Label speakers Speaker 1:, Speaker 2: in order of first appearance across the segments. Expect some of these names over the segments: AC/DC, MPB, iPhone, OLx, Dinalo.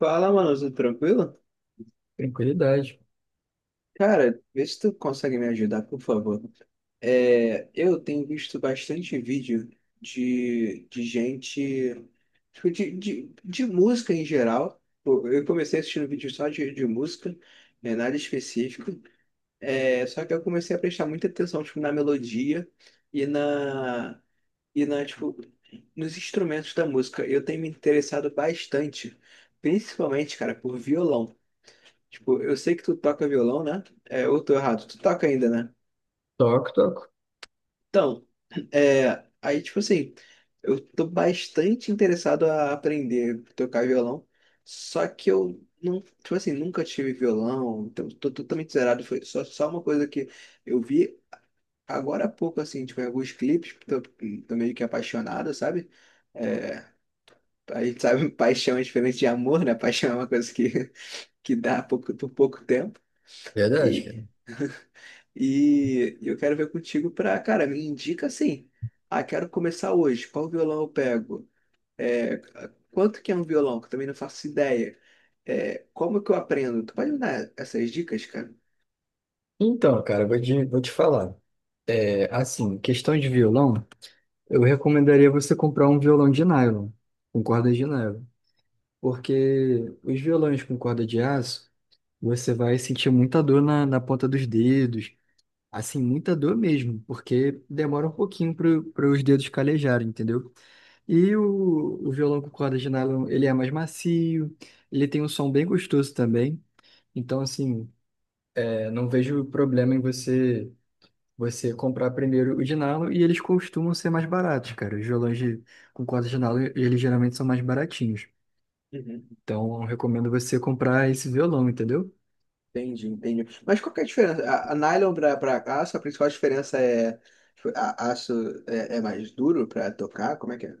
Speaker 1: Fala, mano, tudo tranquilo?
Speaker 2: Tranquilidade.
Speaker 1: Cara, vê se tu consegue me ajudar, por favor. Eu tenho visto bastante vídeo de gente, tipo, de música em geral. Pô, eu comecei assistindo vídeo só de música, né, nada específico. Só que eu comecei a prestar muita atenção, tipo, na melodia e na, e nos instrumentos da música. Eu tenho me interessado bastante, principalmente, cara, por violão. Tipo, eu sei que tu toca violão, né? Ou tô errado, tu toca ainda, né?
Speaker 2: Toco, toco.
Speaker 1: Então, aí, tipo assim, eu tô bastante interessado a aprender a tocar violão, só que eu não, tipo assim, nunca tive violão, então tô totalmente zerado. Foi só uma coisa que eu vi agora há pouco, assim, tipo, em alguns clipes, tô meio que apaixonado, sabe? É, a gente sabe, paixão é diferente de amor, né? Paixão é uma coisa que dá pouco, por pouco tempo.
Speaker 2: Verdade,
Speaker 1: e
Speaker 2: cara.
Speaker 1: E eu quero ver contigo pra, cara, me indica assim. Ah, quero começar hoje. Qual violão eu pego? É, quanto que é um violão? Que eu também não faço ideia. Como que eu aprendo? Tu pode me dar essas dicas, cara?
Speaker 2: Então, cara, vou te falar. É, assim, questão de violão, eu recomendaria você comprar um violão de nylon, com corda de nylon. Porque os violões com corda de aço, você vai sentir muita dor na ponta dos dedos. Assim, muita dor mesmo, porque demora um pouquinho para os dedos calejarem, entendeu? E o violão com corda de nylon, ele é mais macio, ele tem um som bem gostoso também. Então, assim. Eu não vejo problema em você comprar primeiro o Dinalo e eles costumam ser mais baratos, cara. Os violões de, com corda de Dinalo, eles geralmente são mais baratinhos.
Speaker 1: Uhum.
Speaker 2: Então, eu recomendo você comprar esse violão, entendeu?
Speaker 1: Entendi, entendi. Mas qual que é a diferença? A nylon pra aço, a principal diferença é tipo, aço é mais duro pra tocar? Como é que é?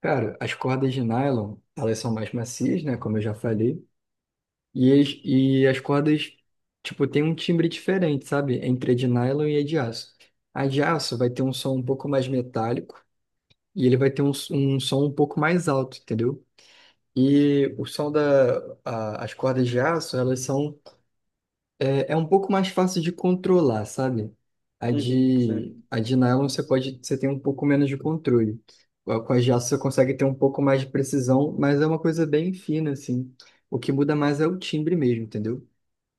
Speaker 2: Cara, as cordas de nylon, elas são mais macias, né? Como eu já falei. E as cordas, tipo, tem um timbre diferente, sabe? Entre a de nylon e a de aço. A de aço vai ter um som um pouco mais metálico e ele vai ter um som um pouco mais alto, entendeu? E o som da, as cordas de aço, elas são um pouco mais fácil de controlar, sabe? A
Speaker 1: Uhum.
Speaker 2: de,
Speaker 1: Sim.
Speaker 2: a de nylon você pode, você tem um pouco menos de controle. Com as de aço você consegue ter um pouco mais de precisão, mas é uma coisa bem fina, assim. O que muda mais é o timbre mesmo, entendeu?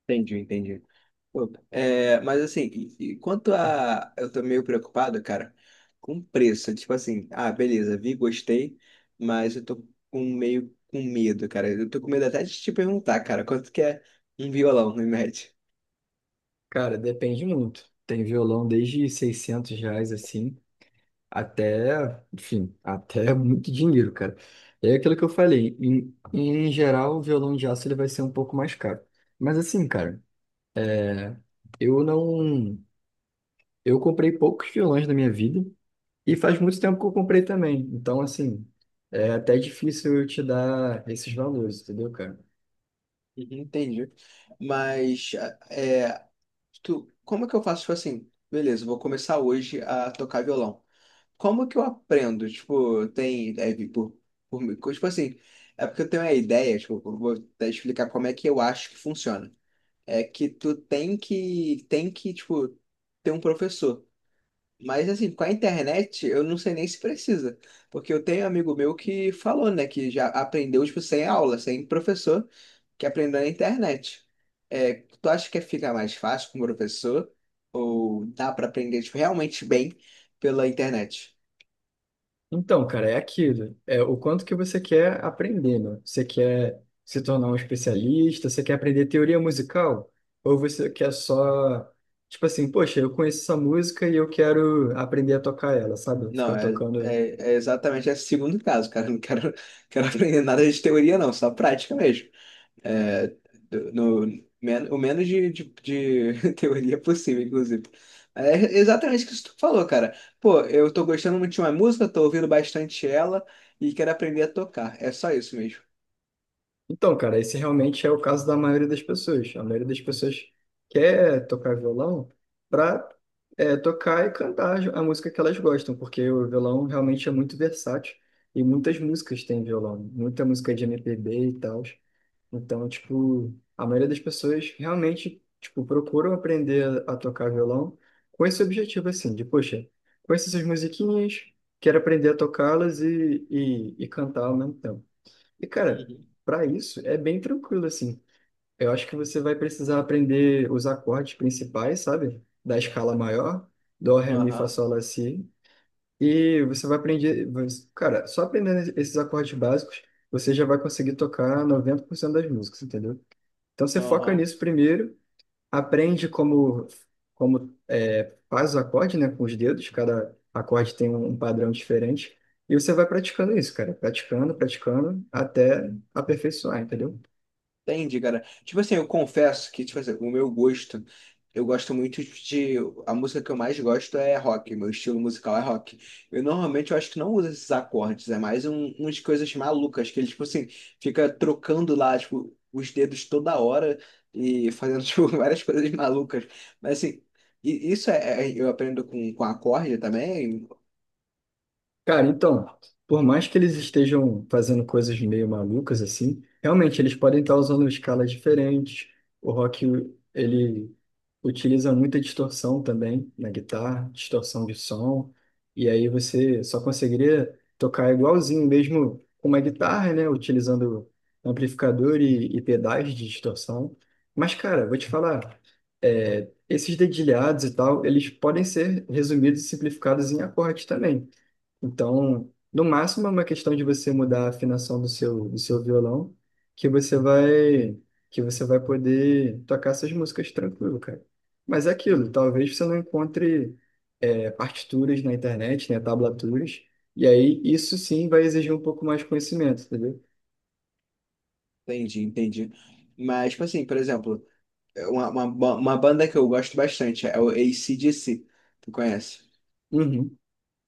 Speaker 1: Entendi, entendi. Pô, mas assim, e quanto a. Eu tô meio preocupado, cara, com preço. Tipo assim, ah, beleza, vi, gostei, mas eu tô com meio com medo, cara. Eu tô com medo até de te perguntar, cara, quanto que é um violão, em média?
Speaker 2: Cara, depende muito. Tem violão desde R$ 600, assim. Até, enfim, até muito dinheiro, cara. É aquilo que eu falei, em geral, o violão de aço ele vai ser um pouco mais caro. Mas assim, cara, né, eu não. Eu comprei poucos violões na minha vida e faz muito tempo que eu comprei também. Então, assim, é até difícil eu te dar esses valores, entendeu, cara?
Speaker 1: Uhum, entendi. Mas, é, tu, como é que eu faço, tipo assim, beleza, eu vou começar hoje a tocar violão. Como que eu aprendo? Tipo, tem. Por mim. Tipo assim, é porque eu tenho uma ideia, tipo, eu vou até explicar como é que eu acho que funciona. É que tu tem que, tipo, ter um professor. Mas assim, com a internet, eu não sei nem se precisa. Porque eu tenho um amigo meu que falou, né, que já aprendeu, tipo, sem aula, sem professor, que aprendeu na internet. É, tu acha que fica mais fácil com o professor? Ou dá pra aprender, tipo, realmente bem pela internet?
Speaker 2: Então, cara, é aquilo. É o quanto que você quer aprender, né? Você quer se tornar um especialista, você quer aprender teoria musical, ou você quer só, tipo assim, poxa, eu conheço essa música e eu quero aprender a tocar ela, sabe?
Speaker 1: Não,
Speaker 2: Ficar tocando.
Speaker 1: é exatamente esse segundo caso, cara. Eu não quero, quero aprender nada de teoria, não, só prática mesmo. É, do- no, men- O menos de teoria possível, inclusive. É exatamente o que tu falou, cara. Pô, eu tô gostando muito de uma música, tô ouvindo bastante ela e quero aprender a tocar. É só isso mesmo.
Speaker 2: Então, cara, esse realmente é o caso da maioria das pessoas. A maioria das pessoas quer tocar violão para tocar e cantar a música que elas gostam, porque o violão realmente é muito versátil e muitas músicas têm violão, muita música de MPB e tal. Então, tipo, a maioria das pessoas realmente, tipo, procuram aprender a tocar violão com esse objetivo, assim, de, poxa, conheço essas musiquinhas, quero aprender a tocá-las e, e cantar ao mesmo tempo. E, cara,
Speaker 1: Uhum.
Speaker 2: para isso é bem tranquilo, assim. Eu acho que você vai precisar aprender os acordes principais, sabe? Da escala maior, dó, ré, mi, fá,
Speaker 1: Aham,
Speaker 2: sol, lá, si. E você vai aprender. Cara, só aprendendo esses acordes básicos, você já vai conseguir tocar 90% das músicas, entendeu? Então você foca
Speaker 1: aham.
Speaker 2: nisso primeiro, aprende como, como é, faz o acorde, né, com os dedos, cada acorde tem um padrão diferente, e você vai praticando isso, cara, praticando, praticando, até aperfeiçoar, entendeu?
Speaker 1: Entendi, cara. Tipo assim, eu confesso que, tipo assim, o meu gosto, eu gosto muito de. A música que eu mais gosto é rock, meu estilo musical é rock. Eu normalmente eu acho que não uso esses acordes, é mais um, umas coisas malucas, que ele, tipo assim, fica trocando lá, tipo, os dedos toda hora e fazendo, tipo, várias coisas malucas. Mas assim, isso é, eu aprendo com acorde também.
Speaker 2: Cara, então, por mais que eles estejam fazendo coisas meio malucas assim, realmente eles podem estar usando escalas diferentes. O rock, ele utiliza muita distorção também na guitarra, distorção de som, e aí você só conseguiria tocar igualzinho mesmo com uma guitarra, né, utilizando amplificador e pedais de distorção. Mas, cara, vou te falar, é, esses dedilhados e tal, eles podem ser resumidos e simplificados em acordes também. Então, no máximo é uma questão de você mudar a afinação do seu violão, que você vai que você vai poder tocar essas músicas tranquilo, cara. Mas é aquilo,
Speaker 1: Uhum.
Speaker 2: talvez você não encontre é, partituras na internet, né, tablaturas, e aí isso sim vai exigir um pouco mais de conhecimento, entendeu?
Speaker 1: Entendi, entendi. Mas, tipo assim, por exemplo. Uma banda que eu gosto bastante é o AC/DC. Tu conhece?
Speaker 2: Uhum.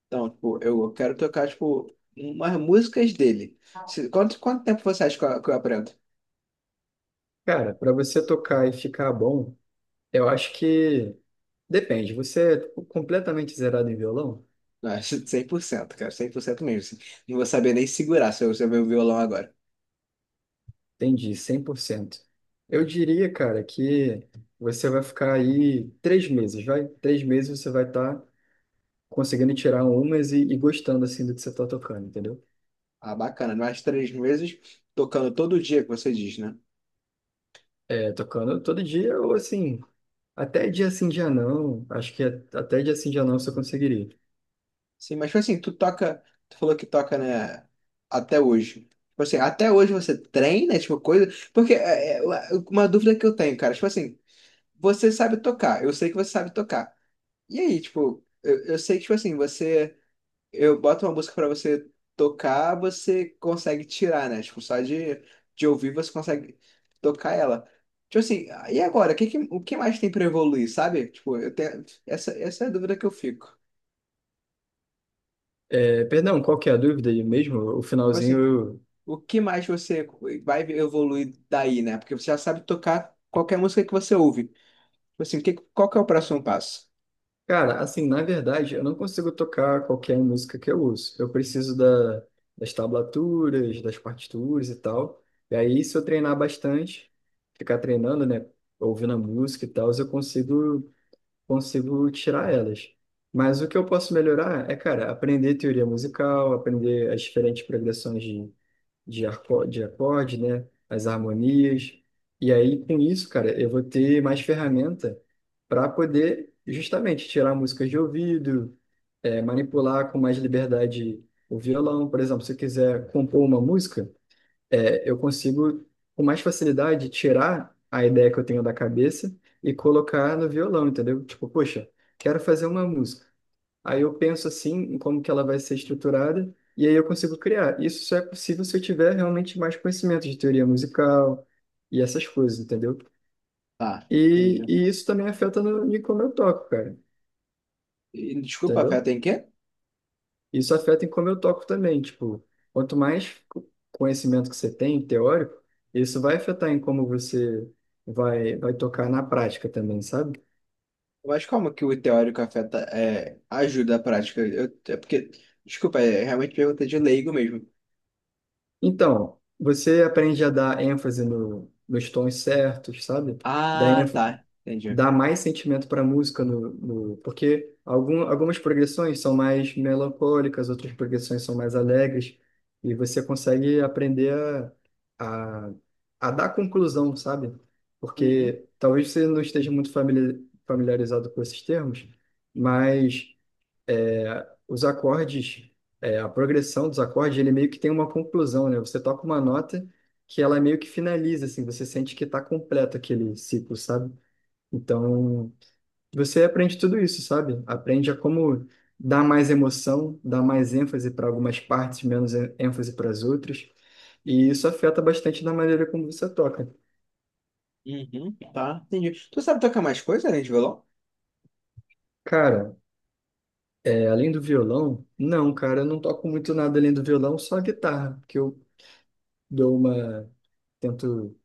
Speaker 1: Então, tipo, eu quero tocar, tipo, umas músicas dele. Quanto tempo você acha que eu aprendo?
Speaker 2: Cara, para você tocar e ficar bom, eu acho que depende. Você é completamente zerado em violão?
Speaker 1: Ah, 100%, cara, 100% mesmo. Assim. Não vou saber nem segurar se eu ver o violão agora.
Speaker 2: Entendi, 100%. Eu diria, cara, que você vai ficar aí 3 meses, vai? 3 meses você vai estar conseguindo tirar umas e gostando, assim, do que você está tocando, entendeu?
Speaker 1: Ah, bacana, mais 3 meses tocando todo dia, que você diz, né?
Speaker 2: É, tocando todo dia ou, assim, até dia sim, dia não. Acho que até dia sim, dia não você conseguiria.
Speaker 1: Sim, mas tipo assim, tu toca, tu falou que toca, né, até hoje. Tipo assim, até hoje você treina, tipo, coisa. Porque uma dúvida que eu tenho, cara, tipo assim. Você sabe tocar, eu sei que você sabe tocar. E aí, tipo, eu sei que, tipo assim, você. Eu boto uma música pra você tocar, você consegue tirar, né? Tipo, só de ouvir você consegue tocar ela. Tipo assim, "Ah, e agora? O que mais tem pra evoluir, sabe? Tipo, eu tenho. Essa é a dúvida que eu fico.
Speaker 2: É, perdão, qual que é a dúvida aí mesmo? O
Speaker 1: Tipo assim,
Speaker 2: finalzinho.
Speaker 1: o que, mais você vai evoluir daí, né? Porque você já sabe tocar qualquer música que você ouve. Tipo assim, o que, qual que é o próximo passo?
Speaker 2: Cara, assim, na verdade, eu não consigo tocar qualquer música que eu uso. Eu preciso da, das tablaturas, das partituras e tal. E aí, se eu treinar bastante, ficar treinando, né, ouvindo a música e tal, eu consigo, consigo tirar elas. Mas o que eu posso melhorar é, cara, aprender teoria musical, aprender as diferentes progressões de acorde, né? As harmonias. E aí, com isso, cara, eu vou ter mais ferramenta para poder justamente tirar músicas de ouvido, é, manipular com mais liberdade o violão. Por exemplo, se eu quiser compor uma música, é, eu consigo com mais facilidade tirar a ideia que eu tenho da cabeça e colocar no violão, entendeu? Tipo, poxa, quero fazer uma música. Aí eu penso assim, em como que ela vai ser estruturada, e aí eu consigo criar. Isso só é possível se eu tiver realmente mais conhecimento de teoria musical e essas coisas, entendeu?
Speaker 1: Tá,
Speaker 2: E,
Speaker 1: entendi.
Speaker 2: e isso também afeta no, em como eu toco, cara,
Speaker 1: E, desculpa, Fé,
Speaker 2: entendeu?
Speaker 1: tem quê?
Speaker 2: Isso afeta em como eu toco também, tipo, quanto mais conhecimento que você tem, teórico, isso vai afetar em como você vai tocar na prática também, sabe?
Speaker 1: Mas como que o teórico afeta, ajuda a prática? Eu, é porque, desculpa, é realmente pergunta de leigo mesmo.
Speaker 2: Então, você aprende a dar ênfase no, nos tons certos, sabe? Dar
Speaker 1: Ah, tá, entendi.
Speaker 2: dá mais sentimento para a música no, no porque algumas progressões são mais melancólicas, outras progressões são mais alegres e você consegue aprender a, a, a dar conclusão, sabe?
Speaker 1: Uhum,
Speaker 2: Porque talvez você não esteja muito familiarizado com esses termos, mas é, os acordes, é, a progressão dos acordes, ele meio que tem uma conclusão, né? Você toca uma nota que ela meio que finaliza, assim, você sente que está completo aquele ciclo, sabe? Então, você aprende tudo isso, sabe? Aprende a como dar mais emoção, dar mais ênfase para algumas partes, menos ênfase para as outras. E isso afeta bastante na maneira como você toca.
Speaker 1: uhum, tá, entendi. Tu sabe tocar mais coisa além de violão?
Speaker 2: Cara, é, além do violão, não, cara, eu não toco muito nada além do violão, só a guitarra, que eu dou uma, tento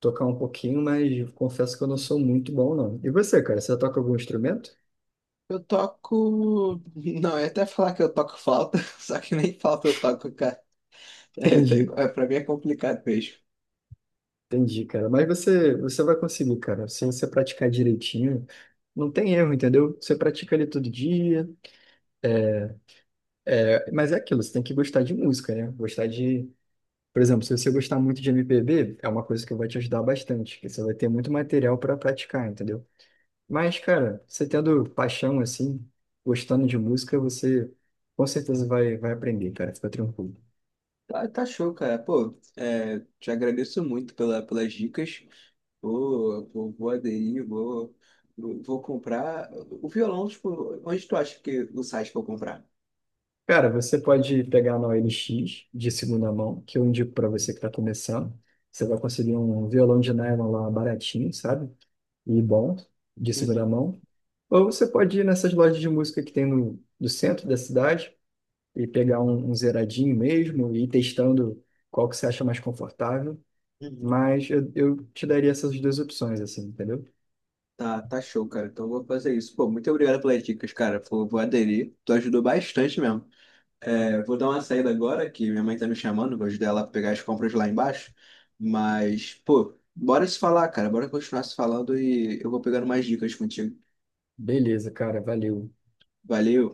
Speaker 2: tocar um pouquinho, mas confesso que eu não sou muito bom, não. E você, cara, você toca algum instrumento?
Speaker 1: Eu toco. Não, eu ia até falar que eu toco flauta, só que nem flauta eu toco, cara.
Speaker 2: Entendi.
Speaker 1: Pra mim é complicado mesmo.
Speaker 2: Entendi, cara. Mas você, você vai conseguir, cara. Se você praticar direitinho, não tem erro, entendeu? Você pratica ali todo dia. Mas é aquilo, você tem que gostar de música, né? Gostar de. Por exemplo, se você gostar muito de MPB, é uma coisa que vai te ajudar bastante, porque você vai ter muito material para praticar, entendeu? Mas, cara, você tendo paixão assim, gostando de música, você com certeza vai aprender, cara. Fica tranquilo.
Speaker 1: Tá, tá show, cara. Pô, te agradeço muito pelas dicas. Vou aderir, vou comprar. O violão, tipo, onde tu acha que o site que eu comprar?
Speaker 2: Cara, você pode pegar na OLX de segunda mão, que eu indico para você que está começando. Você vai conseguir um violão de nylon lá baratinho, sabe? E bom, de segunda
Speaker 1: Uhum,
Speaker 2: mão. Ou você pode ir nessas lojas de música que tem no centro da cidade e pegar um zeradinho mesmo e ir testando qual que você acha mais confortável.
Speaker 1: uhum.
Speaker 2: Mas eu te daria essas duas opções, assim, entendeu?
Speaker 1: Tá, tá show, cara. Então eu vou fazer isso. Pô, muito obrigado pelas dicas, cara. Vou aderir. Tu ajudou bastante mesmo. Vou dar uma saída agora, que minha mãe tá me chamando. Vou ajudar ela a pegar as compras lá embaixo. Mas, pô, bora se falar, cara. Bora continuar se falando e eu vou pegando mais dicas contigo.
Speaker 2: Beleza, cara, valeu.
Speaker 1: Valeu.